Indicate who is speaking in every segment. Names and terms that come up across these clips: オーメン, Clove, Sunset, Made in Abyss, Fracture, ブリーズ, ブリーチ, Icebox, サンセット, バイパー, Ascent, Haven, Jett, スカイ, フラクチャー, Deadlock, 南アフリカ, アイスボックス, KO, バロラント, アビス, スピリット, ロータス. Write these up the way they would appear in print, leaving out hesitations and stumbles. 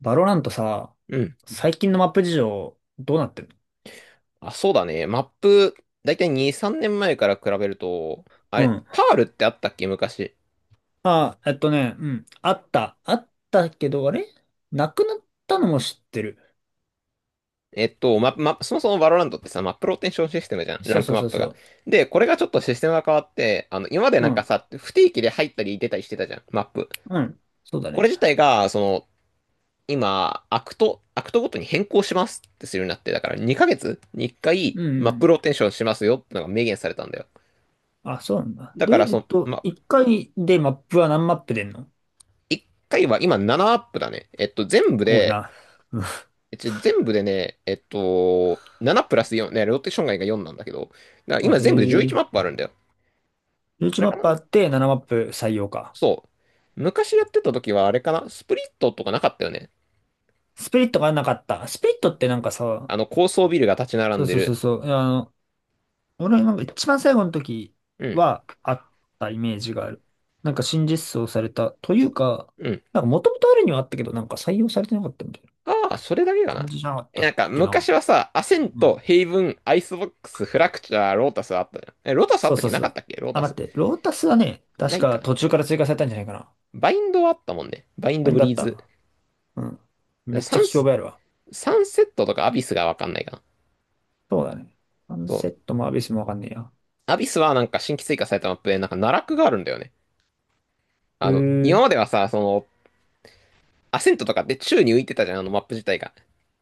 Speaker 1: バロラントさ、
Speaker 2: うん。
Speaker 1: 最近のマップ事情、どうなってる？
Speaker 2: そうだね。マップ、だいたい2、3年前から比べると、あ
Speaker 1: う
Speaker 2: れ、
Speaker 1: ん。
Speaker 2: パールってあったっけ昔。
Speaker 1: あ、うん。あった。あったけど、あれなくなったのも知ってる。
Speaker 2: そもそもバロランドってさ、マップローテンションシステムじゃん。ラ
Speaker 1: そう
Speaker 2: ン
Speaker 1: そ
Speaker 2: ク
Speaker 1: う
Speaker 2: マッ
Speaker 1: そう
Speaker 2: プが。
Speaker 1: そ
Speaker 2: で、これがちょっとシステムが変わって、今まで
Speaker 1: う。う
Speaker 2: なんか
Speaker 1: ん。
Speaker 2: さ、不定期で入ったり出たりしてたじゃん、マップ。
Speaker 1: うん。そうだ
Speaker 2: こ
Speaker 1: ね。
Speaker 2: れ自体が、今、アクトごとに変更しますってするようになって、だから2ヶ月に1回、
Speaker 1: う
Speaker 2: マッ
Speaker 1: ん。
Speaker 2: プローテンションしますよってのが明言されたんだよ。
Speaker 1: あ、そうなんだ。
Speaker 2: だ
Speaker 1: で、
Speaker 2: から、その、ま、
Speaker 1: 一回でマップは何マップ出んの？
Speaker 2: 1回は今7アップだね。全部
Speaker 1: 多い
Speaker 2: で、
Speaker 1: な。うん。
Speaker 2: 全部でね、7プラス4、ね、ローテーション外が4なんだけど、だから
Speaker 1: あ、
Speaker 2: 今
Speaker 1: へ
Speaker 2: 全部で11マッ
Speaker 1: え。
Speaker 2: プあるんだよ。
Speaker 1: 11
Speaker 2: あれ
Speaker 1: マッ
Speaker 2: かな
Speaker 1: プあって7マップ採用か。
Speaker 2: そう。昔やってた時はあれかなスプリットとかなかったよね。
Speaker 1: スピリットがなかった。スピリットってさ、
Speaker 2: あの高層ビルが立ち並
Speaker 1: そ
Speaker 2: ん
Speaker 1: う
Speaker 2: で
Speaker 1: そうそう
Speaker 2: る。
Speaker 1: そう。俺なんか一番最後の時
Speaker 2: うん、
Speaker 1: はあったイメージがある。なんか新実装された。というか、
Speaker 2: うん。
Speaker 1: なんか元々あるにはあったけど、なんか採用されてなかったみたいな
Speaker 2: ああ、それだけかな。
Speaker 1: 感じじゃなかっ
Speaker 2: え、
Speaker 1: たっ
Speaker 2: なんか
Speaker 1: けな。
Speaker 2: 昔はさ、アセン
Speaker 1: う
Speaker 2: ト、
Speaker 1: ん。
Speaker 2: ヘイブン、アイスボックス、フラクチャー、ロータスあったじゃん。え、ロータスあっ
Speaker 1: そう
Speaker 2: たっ
Speaker 1: そ
Speaker 2: け
Speaker 1: う
Speaker 2: な
Speaker 1: そ
Speaker 2: かっ
Speaker 1: う。
Speaker 2: たっけロー
Speaker 1: あ、
Speaker 2: タ
Speaker 1: 待っ
Speaker 2: ス。
Speaker 1: て。ロータスはね、
Speaker 2: な
Speaker 1: 確
Speaker 2: い
Speaker 1: か
Speaker 2: か。
Speaker 1: 途中から追加されたんじゃないかな。
Speaker 2: バインドはあったもんね。バイン
Speaker 1: ファ
Speaker 2: ド
Speaker 1: イン
Speaker 2: ブ
Speaker 1: だ
Speaker 2: リ
Speaker 1: っ
Speaker 2: ーズ。だか
Speaker 1: た。うん。
Speaker 2: ら
Speaker 1: めっち
Speaker 2: サ
Speaker 1: ゃ聞
Speaker 2: ン
Speaker 1: き
Speaker 2: ス、
Speaker 1: 覚えあるわ。
Speaker 2: サンセットとかアビスがわかんないかな。
Speaker 1: そうだね。サン
Speaker 2: そ
Speaker 1: セ
Speaker 2: う。
Speaker 1: ットもアビスもわかんねえや。
Speaker 2: アビスはなんか新規追加されたマップでなんか奈落があるんだよね。
Speaker 1: うー
Speaker 2: 今
Speaker 1: ん。
Speaker 2: まではさ、アセントとかで宙に浮いてたじゃん、あのマップ自体が。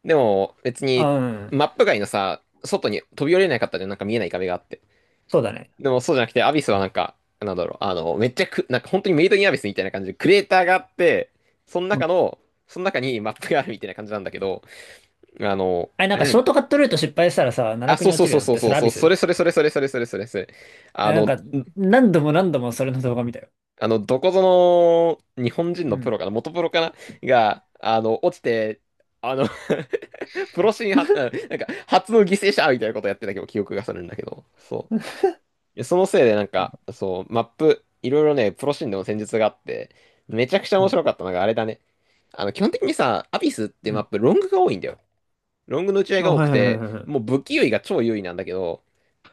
Speaker 2: でも別
Speaker 1: あ、
Speaker 2: に
Speaker 1: うん。
Speaker 2: マップ外のさ、外に飛び降りれなかったじゃん、なんか見えない壁があって。
Speaker 1: そうだね。
Speaker 2: でもそうじゃなくて、アビスはなんか、なんだろう、あの、めっちゃく、なんか本当にメイドインアビスみたいな感じでクレーターがあって、その
Speaker 1: うん。
Speaker 2: 中の、その中にマップがあるみたいな感じなんだけど、
Speaker 1: あれ、な
Speaker 2: あ
Speaker 1: ん
Speaker 2: れ
Speaker 1: か
Speaker 2: なん
Speaker 1: ショー
Speaker 2: で、
Speaker 1: トカットルート失敗したらさ、奈
Speaker 2: あ、
Speaker 1: 落
Speaker 2: そ
Speaker 1: に
Speaker 2: う
Speaker 1: 落
Speaker 2: そう
Speaker 1: ち
Speaker 2: そ
Speaker 1: る
Speaker 2: う
Speaker 1: のっ
Speaker 2: そう
Speaker 1: てそ
Speaker 2: そう
Speaker 1: れア
Speaker 2: そ
Speaker 1: ビ
Speaker 2: う、そ
Speaker 1: ス？
Speaker 2: れそれそれそれそれそれそれそれ。あ
Speaker 1: ね、なん
Speaker 2: の、
Speaker 1: か、何度も何度もそれの動画見たよ。
Speaker 2: あの、どこぞの日本人
Speaker 1: う
Speaker 2: のプロ
Speaker 1: ん。
Speaker 2: かな、元プロかなが、落ちて、あの プロシーンは、うんなんか、初の犠牲者みたいなことやってたけど、記憶がするんだけど、そう。でそのせいで、なんか、そう、マップ、いろいろね、プロシーンでも戦術があって、めちゃくちゃ
Speaker 1: う
Speaker 2: 面
Speaker 1: ん。
Speaker 2: 白かったのが、あれだね。基本的にさ、アビスって
Speaker 1: う
Speaker 2: マッ
Speaker 1: ん。
Speaker 2: プ、ロングが多いんだよ。ロングの打ち合い
Speaker 1: あ、
Speaker 2: が多
Speaker 1: は
Speaker 2: く
Speaker 1: いはいはい
Speaker 2: て、
Speaker 1: はいは
Speaker 2: もう
Speaker 1: い。
Speaker 2: 武器優位が超優位なんだけど、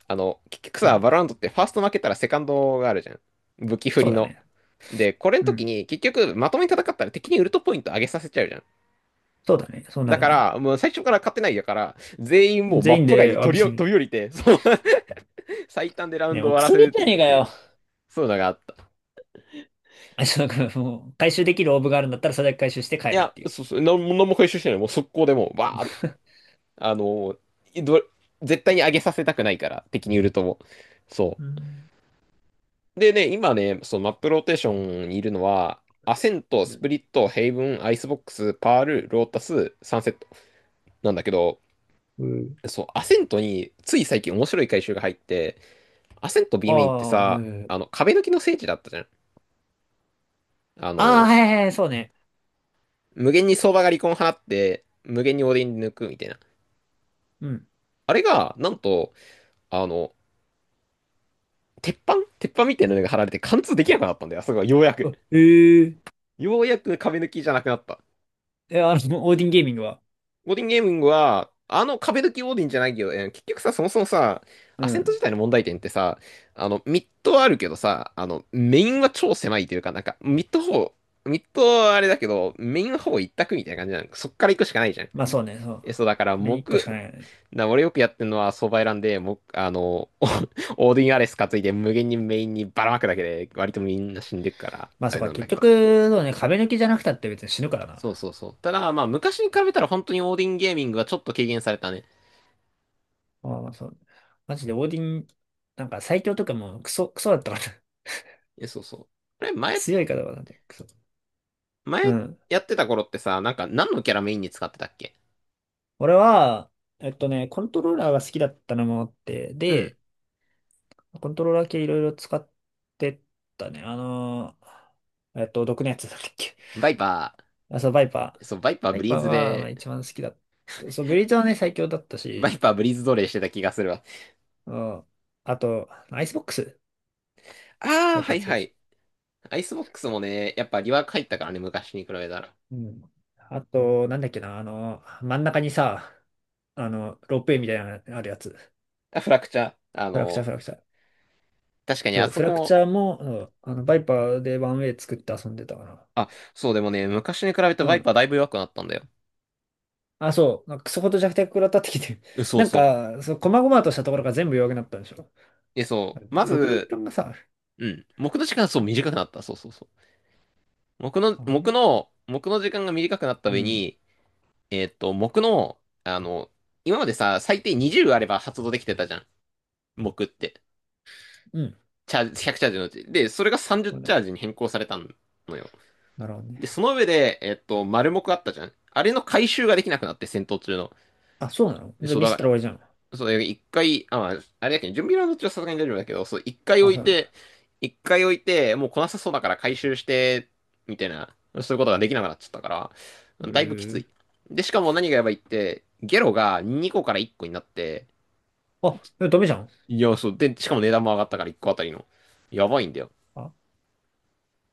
Speaker 2: 結局
Speaker 1: う
Speaker 2: さ、
Speaker 1: ん。
Speaker 2: バロランドってファースト負けたらセカンドがあるじゃん。武器振
Speaker 1: そう
Speaker 2: り
Speaker 1: だ
Speaker 2: の。
Speaker 1: ね。
Speaker 2: で、これの
Speaker 1: う
Speaker 2: 時
Speaker 1: ん。
Speaker 2: に結局まとめに戦ったら敵にウルトポイント上げさせちゃうじゃん。
Speaker 1: そうだね。そうな
Speaker 2: だ
Speaker 1: る
Speaker 2: か
Speaker 1: ね。
Speaker 2: ら、もう最初から勝てないだから、全員もうマ
Speaker 1: 全
Speaker 2: ッ
Speaker 1: 員
Speaker 2: プ外
Speaker 1: で
Speaker 2: に
Speaker 1: 詫びし
Speaker 2: 飛
Speaker 1: に。
Speaker 2: び降りて、そう 最短でラウン
Speaker 1: ね、
Speaker 2: ド
Speaker 1: も
Speaker 2: を
Speaker 1: う
Speaker 2: 終わ
Speaker 1: ク
Speaker 2: ら
Speaker 1: ソ
Speaker 2: せ
Speaker 1: ゲー
Speaker 2: る
Speaker 1: じゃ
Speaker 2: っ
Speaker 1: ねえか
Speaker 2: ていう、
Speaker 1: よ。
Speaker 2: そういうのがあった。
Speaker 1: あ、そうか、もう、回収できるオーブがあるんだったら、それだけ回収して帰
Speaker 2: い
Speaker 1: るっ
Speaker 2: や、
Speaker 1: ていう。
Speaker 2: そうそう、何も回収してない。もう速攻でもう、バーって、あのーど、絶対に上げさせたくないから、敵にウルトも。そ
Speaker 1: う
Speaker 2: う。
Speaker 1: ん。
Speaker 2: でね、今ね、そのマップローテーションにいるのは、アセント、スプリット、ヘイブン、アイスボックス、パール、ロータス、サンセットなんだけど、
Speaker 1: うん。
Speaker 2: そう、アセントについ最近面白い回収が入って、アセント
Speaker 1: あ
Speaker 2: B メインって
Speaker 1: あ、はい
Speaker 2: さ、
Speaker 1: はいはい。
Speaker 2: 壁抜きの聖地だったじゃん。あ
Speaker 1: ああ、
Speaker 2: の、
Speaker 1: はいはいはい、そうね。
Speaker 2: 無限に相場が離婚放って、無限にオーディン抜くみたいな。
Speaker 1: うん。
Speaker 2: あれが、なんと、あの、鉄板鉄板みたいなのが貼られて貫通できなくなったんだよ。あそこがようやく。
Speaker 1: あえ。
Speaker 2: ようやく壁抜きじゃなくなった。
Speaker 1: ええ、あの、オーディンゲーミングは。
Speaker 2: オーディンゲーミングは、あの壁抜きオーディンじゃないけど、結局さ、そもそもさ、
Speaker 1: う
Speaker 2: アセント
Speaker 1: ん。
Speaker 2: 自体の問題点ってさ、ミッドはあるけどさ、メインは超狭いというか、なんか、ミッドはあれだけど、メインはほぼ一択みたいな感じなの。そっから行くしかないじゃん。
Speaker 1: まあそうね、そう。
Speaker 2: そう、だから、
Speaker 1: 目に一個し
Speaker 2: 木、
Speaker 1: かないよね。
Speaker 2: な、俺よくやってるのは相場選んで、も、あの、オーディンアレス担いで無限にメインにばらまくだけで、割とみんな死んでくから、
Speaker 1: ま
Speaker 2: あ
Speaker 1: あそ
Speaker 2: れ
Speaker 1: うか、
Speaker 2: なんだ
Speaker 1: 結
Speaker 2: けど。
Speaker 1: 局、そうね、壁抜きじゃなくたって別に死ぬからな。
Speaker 2: そうそうそう。ただ、まあ、昔に比べたら本当にオーディンゲーミングはちょっと軽減されたね。
Speaker 1: ああ、そう。マジでオーディン、なんか最強とかもクソ、クソだったから。
Speaker 2: え、そうそう。これ前、
Speaker 1: 強い方だね、クソ。う
Speaker 2: 前
Speaker 1: ん。
Speaker 2: やってた頃ってさ、なんか何のキャラメインに使ってたっけ。
Speaker 1: 俺は、コントローラーが好きだったのもあって、
Speaker 2: うん。
Speaker 1: で、コントローラー系いろいろ使ってったね。毒のやつだったっけ。
Speaker 2: バイパ
Speaker 1: あ、そう、バイ
Speaker 2: ー。
Speaker 1: パ
Speaker 2: そう、バイパ
Speaker 1: ー。
Speaker 2: ー
Speaker 1: バ
Speaker 2: ブ
Speaker 1: イ
Speaker 2: リー
Speaker 1: パー
Speaker 2: ズ
Speaker 1: がまあ
Speaker 2: で、
Speaker 1: 一番好きだった。そう、ブリーチはね、最強だった
Speaker 2: バ
Speaker 1: し、
Speaker 2: イパーブリーズ奴隷してた気がするわ。
Speaker 1: うん。あと、アイスボックス。
Speaker 2: あ
Speaker 1: バ
Speaker 2: あ、
Speaker 1: イパ
Speaker 2: は
Speaker 1: ー
Speaker 2: い
Speaker 1: 強
Speaker 2: は
Speaker 1: い。
Speaker 2: い。アイスボックスもね、やっぱリワーク入ったからね、昔に比べたら。
Speaker 1: うん。あと、なんだっけな、あの、真ん中にさ、あの、ロープウェイみたいなのあるやつ。
Speaker 2: あ、フラクチャー。
Speaker 1: フラクチャー、フラクチャー。
Speaker 2: 確かに
Speaker 1: そ
Speaker 2: あ
Speaker 1: う、フ
Speaker 2: そこ
Speaker 1: ラクチ
Speaker 2: も、
Speaker 1: ャーも、うん、あの、バイパーでワンウェイ作って遊んでたかな。
Speaker 2: あ、そうでもね、昔に比べて
Speaker 1: う
Speaker 2: バイ
Speaker 1: ん。
Speaker 2: パーだいぶ弱くなったんだよ。
Speaker 1: あ、そう。なんかクソほど弱体食らったってきて。
Speaker 2: うん そう
Speaker 1: なん
Speaker 2: そう。
Speaker 1: か、そう、細々としたところが全部弱くなったんでしょ。
Speaker 2: え、そう。ま
Speaker 1: 毒の時
Speaker 2: ず、
Speaker 1: 間がさ、あれ。
Speaker 2: うん。木の時間がそう短くなった。そうそうそう。木の時間が短くなった
Speaker 1: う
Speaker 2: 上
Speaker 1: ん。
Speaker 2: に、えーっと、木の、あの、今までさ、最低20あれば発動できてたじゃん。木って。
Speaker 1: うん。
Speaker 2: チャージ、100チャージのうち。で、それが
Speaker 1: そ
Speaker 2: 30
Speaker 1: うだ
Speaker 2: チ
Speaker 1: よ。
Speaker 2: ャージに変更されたのよ。
Speaker 1: なるほど
Speaker 2: で、そ
Speaker 1: ね。
Speaker 2: の上で、丸木あったじゃん。あれの回収ができなくなって、戦闘中の。
Speaker 1: あ、そうなの？じゃあ
Speaker 2: そう
Speaker 1: ミ
Speaker 2: だ
Speaker 1: スった
Speaker 2: か
Speaker 1: ら終わりじゃん。
Speaker 2: ら、そう、一回、あ、まあ、あれだけど、準備ラウンド中はさすがに大丈夫だけど、そう、一回
Speaker 1: あ、
Speaker 2: 置
Speaker 1: そう
Speaker 2: い
Speaker 1: なん
Speaker 2: て、
Speaker 1: だ。
Speaker 2: もう来なさそうだから回収して、みたいな、そういうことができなくなっちゃったか
Speaker 1: う
Speaker 2: ら、だいぶきつ
Speaker 1: ー。
Speaker 2: い。で、しかも何がやばいって、ゲロが2個から1個になって、
Speaker 1: あ、えダメじゃん。
Speaker 2: いや、そう。で、しかも値段も上がったから1個あたりの。やばいんだよ。
Speaker 1: あ、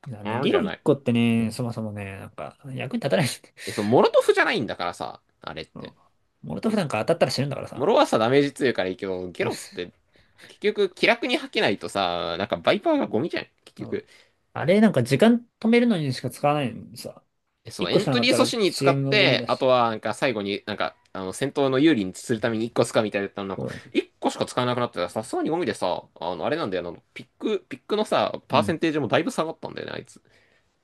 Speaker 1: いやね、
Speaker 2: うん
Speaker 1: ゲ
Speaker 2: じゃ
Speaker 1: ロ
Speaker 2: な
Speaker 1: 1
Speaker 2: い。
Speaker 1: 個ってね、そもそもね、なんか、役に立たない。
Speaker 2: え、そう、モロトフじゃないんだからさ、あれっ
Speaker 1: うん。
Speaker 2: て。
Speaker 1: モルトフなんか当たったら死ぬんだから
Speaker 2: モ
Speaker 1: さ。
Speaker 2: ロはさ、ダメージ強いからいいけど、ゲロって 結局気楽に吐けないとさ、なんかバイパーがゴミじゃん、結
Speaker 1: う
Speaker 2: 局。
Speaker 1: ん。あれ、なんか時間止めるのにしか使わないのにさ。
Speaker 2: え、そ
Speaker 1: 1
Speaker 2: う、エ
Speaker 1: 個し
Speaker 2: ン
Speaker 1: かな
Speaker 2: ト
Speaker 1: かっ
Speaker 2: リー
Speaker 1: たら
Speaker 2: 阻止に
Speaker 1: 遅
Speaker 2: 使っ
Speaker 1: 延のゴミ
Speaker 2: て、
Speaker 1: だ
Speaker 2: あ
Speaker 1: し。
Speaker 2: とはなんか最後になんか、戦闘の有利にするために1個使うみたいだったのなん
Speaker 1: そ
Speaker 2: か、
Speaker 1: う。
Speaker 2: 1個しか使えなくなってたらさすがにゴミでさ、あの、あれなんだよ、あの、ピック、ピックのさ、
Speaker 1: ん。
Speaker 2: パ
Speaker 1: う
Speaker 2: ーセン
Speaker 1: ん。
Speaker 2: テージもだいぶ下がったんだよね、あいつ。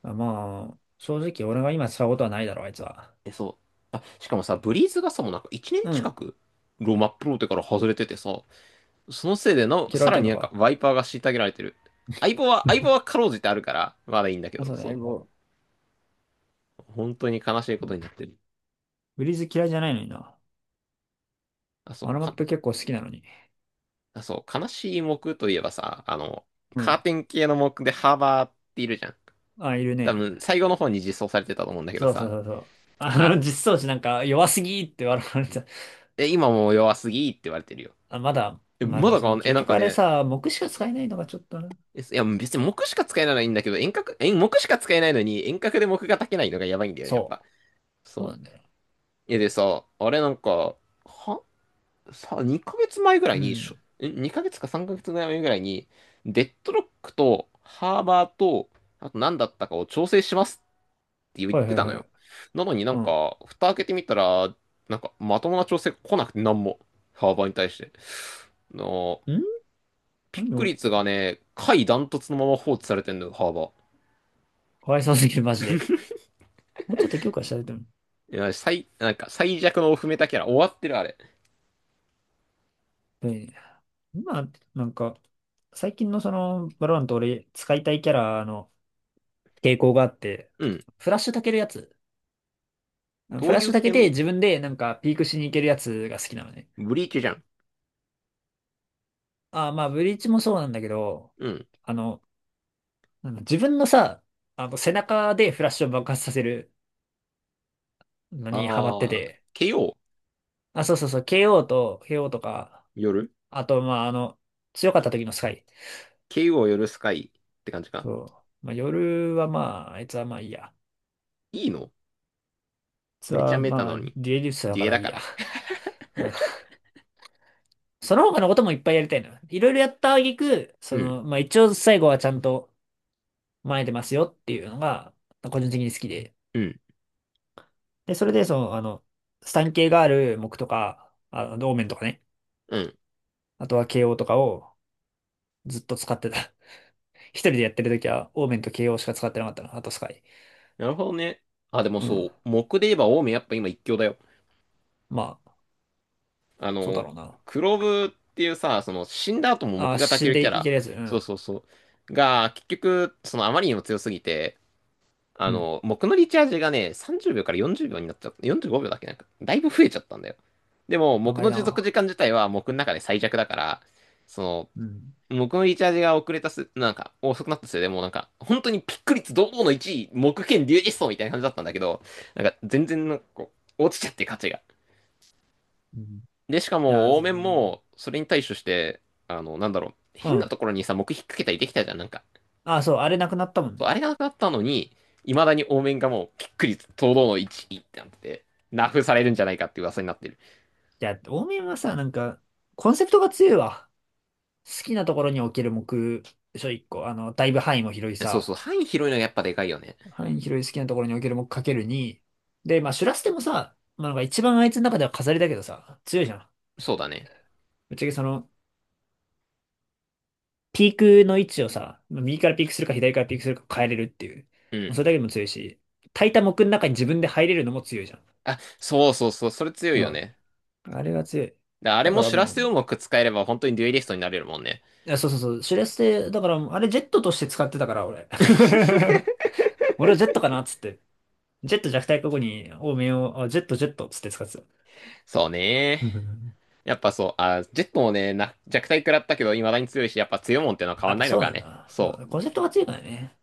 Speaker 1: あまあ、正直俺が今使うことはないだろ、あいつは。
Speaker 2: え、そう。あ、しかもさ、ブリーズがさ、もうなんか1年
Speaker 1: う
Speaker 2: 近
Speaker 1: ん。
Speaker 2: く、ローマプロテから外れててさ、そのせいでな
Speaker 1: 嫌わ
Speaker 2: さ
Speaker 1: れ
Speaker 2: ら
Speaker 1: てん
Speaker 2: に
Speaker 1: の
Speaker 2: なんか
Speaker 1: か。
Speaker 2: ワイパーが虐げられてる。相棒は かろうじてあるから、まだいいんだけ
Speaker 1: あ、
Speaker 2: ど、
Speaker 1: そうね、
Speaker 2: そ
Speaker 1: もう、
Speaker 2: う。本当に悲しいことになってる。
Speaker 1: ブリーズ嫌いじゃないのにな。
Speaker 2: あ、そう、
Speaker 1: あのマッ
Speaker 2: か、
Speaker 1: プ結構好きなのに。
Speaker 2: あ、そう、悲しい木といえばさ、
Speaker 1: う
Speaker 2: カー
Speaker 1: ん。
Speaker 2: テン系の木でハーバーっているじゃん。
Speaker 1: あ、いる
Speaker 2: 多
Speaker 1: ね。
Speaker 2: 分、最後の方に実装されてたと思うんだけど
Speaker 1: そうそう
Speaker 2: さ。
Speaker 1: そうそう。あ
Speaker 2: あ、
Speaker 1: の、実装値なんか弱すぎって笑われた。
Speaker 2: 今もう弱すぎって言われてるよ。
Speaker 1: あ、まだ、まあで
Speaker 2: ま
Speaker 1: も
Speaker 2: だ
Speaker 1: その
Speaker 2: か。
Speaker 1: 結
Speaker 2: なん
Speaker 1: 局
Speaker 2: か
Speaker 1: あれ
Speaker 2: ね、
Speaker 1: さ、木しか使えないのがちょっとな。
Speaker 2: えいや、別に木しか使えないのはいいんだけど、遠隔、木しか使えないのに、遠隔で木が炊けないのがやばいんだよね、やっ
Speaker 1: そ
Speaker 2: ぱ。
Speaker 1: う。そうな
Speaker 2: そ
Speaker 1: ん
Speaker 2: う。
Speaker 1: だよ。
Speaker 2: でさ、あれなんか、は、2ヶ月前ぐら
Speaker 1: う
Speaker 2: いに、しょ、
Speaker 1: ん。
Speaker 2: にかげつかさん ?2 ヶ月か3ヶ月前ぐらいに、デッドロックとハーバーと、あと何だったかを調整しますって言っ
Speaker 1: はい
Speaker 2: て
Speaker 1: はい
Speaker 2: たの
Speaker 1: は
Speaker 2: よ。
Speaker 1: い。
Speaker 2: なのになん
Speaker 1: うん。
Speaker 2: か、蓋開けてみたら、なんか、まともな調整来なくて、なんも。ハーバーに対して。の、
Speaker 1: ん。
Speaker 2: ピック
Speaker 1: も、
Speaker 2: 率がね、下位ダントツのまま放置されてんのよ、ハーバー。
Speaker 1: かわいそうすぎる、マジで。もうちょっと強化したいと思う。
Speaker 2: いや、なんか最弱のオフメタキャラ終わってるあれ。
Speaker 1: で、今、なんか、最近のその、バロラント俺、使いたいキャラの傾向があって、
Speaker 2: うん。
Speaker 1: フラッシュたけるやつ。
Speaker 2: ど
Speaker 1: フ
Speaker 2: う
Speaker 1: ラッ
Speaker 2: い
Speaker 1: シュ
Speaker 2: う
Speaker 1: たけ
Speaker 2: 系
Speaker 1: て
Speaker 2: の？
Speaker 1: 自分でなんかピークしに行けるやつが好きなのね。
Speaker 2: ブリーチじゃん。
Speaker 1: ああ、まあ、ブリーチもそうなんだけど、
Speaker 2: うん。
Speaker 1: あの、なんだ自分のさ、あの、背中でフラッシュを爆発させるのにハマって
Speaker 2: あー、
Speaker 1: て。
Speaker 2: KO。
Speaker 1: あ、そうそうそう、KO と、KO とか、
Speaker 2: 夜。
Speaker 1: あと、まあ、あの、強かった時のスカイ。
Speaker 2: KO 夜スカイって感じか？
Speaker 1: そう。まあ、夜はまあ、あいつはまあいいや。あい
Speaker 2: いいの？
Speaker 1: つ
Speaker 2: めちゃ
Speaker 1: は
Speaker 2: メタ
Speaker 1: ま
Speaker 2: な
Speaker 1: あ、
Speaker 2: のに。
Speaker 1: デュエリストだ
Speaker 2: デ
Speaker 1: か
Speaker 2: ュエ
Speaker 1: ら
Speaker 2: だ
Speaker 1: いい
Speaker 2: か
Speaker 1: や。
Speaker 2: ら。
Speaker 1: うん。その他のこともいっぱいやりたいのよ。いろいろやった挙句、そ
Speaker 2: うん、
Speaker 1: の、まあ一応最後はちゃんと前出ますよっていうのが、個人的に好きで。
Speaker 2: うん、
Speaker 1: で、それで、その、あの、スタン系がある木とか、あの、オーメンとかね。
Speaker 2: うん。
Speaker 1: あとは KO とかをずっと使ってた。一人でやってる時は、オーメンと KO しか使ってなかったの。あとスカイ。
Speaker 2: なるほどね。あ、でも
Speaker 1: う
Speaker 2: そ
Speaker 1: ん。
Speaker 2: う、木で言えばオウムやっぱ今一強だよ。
Speaker 1: まあ、
Speaker 2: あ
Speaker 1: そうだ
Speaker 2: の、
Speaker 1: ろうな。
Speaker 2: クロブっていうさ、その死んだ後も木
Speaker 1: あ、
Speaker 2: が焚
Speaker 1: 死
Speaker 2: け
Speaker 1: ん
Speaker 2: る
Speaker 1: で
Speaker 2: キャ
Speaker 1: いけ
Speaker 2: ラ。
Speaker 1: るやつ。う
Speaker 2: そう
Speaker 1: ん。
Speaker 2: そうそう。が、結局、そのあまりにも強すぎて、
Speaker 1: うん。
Speaker 2: 僕のリチャージがね、30秒から40秒になっちゃった。45秒だっけ、なんか、だいぶ増えちゃったんだよ。でも、僕
Speaker 1: 長い
Speaker 2: の持続時
Speaker 1: な。
Speaker 2: 間自体は僕の中で最弱だから、その、
Speaker 1: うん。
Speaker 2: 僕のリチャージが遅れたす、なんか、遅くなったせいでもうなんか、本当にピック率堂々の1位、木剣竜実装みたいな感じだったんだけど、なんか、全然なんか落ちちゃって価値が。
Speaker 1: うん。い
Speaker 2: で、しか
Speaker 1: や、
Speaker 2: も、応
Speaker 1: そ
Speaker 2: 面
Speaker 1: う。
Speaker 2: も、それに対処して、なんだろう、
Speaker 1: う
Speaker 2: 変な
Speaker 1: ん。
Speaker 2: ところにさ、木引っ掛けたりできたじゃん、なんか。
Speaker 1: あ、そう、あれなくなったもん
Speaker 2: そうあ
Speaker 1: ね。
Speaker 2: れがなくなったのに、いまだにオーメンがもうきっくり堂々の1いってなってて、ナフされるんじゃないかって噂になってる。
Speaker 1: いや、オーミンはさ、なんか、コンセプトが強いわ。好きなところに置ける目、でしょ、一個。あの、だいぶ範囲も広い
Speaker 2: そうそう、
Speaker 1: さ。
Speaker 2: 範囲広いのがやっぱでかいよね。
Speaker 1: 範囲広い好きなところに置ける目かける2。で、まあ、シュラステもさ、まあ、なんか一番あいつの中では飾りだけどさ、強いじゃん。
Speaker 2: そうだね。
Speaker 1: ぶっちゃけその、ピークの位置をさ、右からピークするか左からピークするか変えれるっていう。
Speaker 2: う
Speaker 1: もう
Speaker 2: ん。
Speaker 1: それだけでも強いし、炊いた木の中に自分で入れるのも強いじゃん。
Speaker 2: あ、そうそうそう、それ強い
Speaker 1: う
Speaker 2: よ
Speaker 1: ん。
Speaker 2: ね。
Speaker 1: あれが強い。
Speaker 2: であれ
Speaker 1: だか
Speaker 2: も
Speaker 1: ら
Speaker 2: シュラステを
Speaker 1: も
Speaker 2: うまく使えれば本当にデュエリストになれるもんね。
Speaker 1: う、いや、そうそうそう。シュレステ、だからもう、あれジェットとして使ってたから、俺。俺はジェットかなっつって。ジェット弱体過去に、多めを、あジェットジェットっつって使ってた。
Speaker 2: そうね。
Speaker 1: うん。
Speaker 2: やっぱそう、あ、ジェットもね、弱体食らったけど、未だに強いし、やっぱ強いもんってのは変
Speaker 1: や
Speaker 2: わ
Speaker 1: っ
Speaker 2: ん
Speaker 1: ぱ
Speaker 2: ないの
Speaker 1: そう
Speaker 2: か
Speaker 1: なんだ
Speaker 2: ね。
Speaker 1: な。
Speaker 2: そ
Speaker 1: うん。
Speaker 2: う。
Speaker 1: コンセプトが強いからね。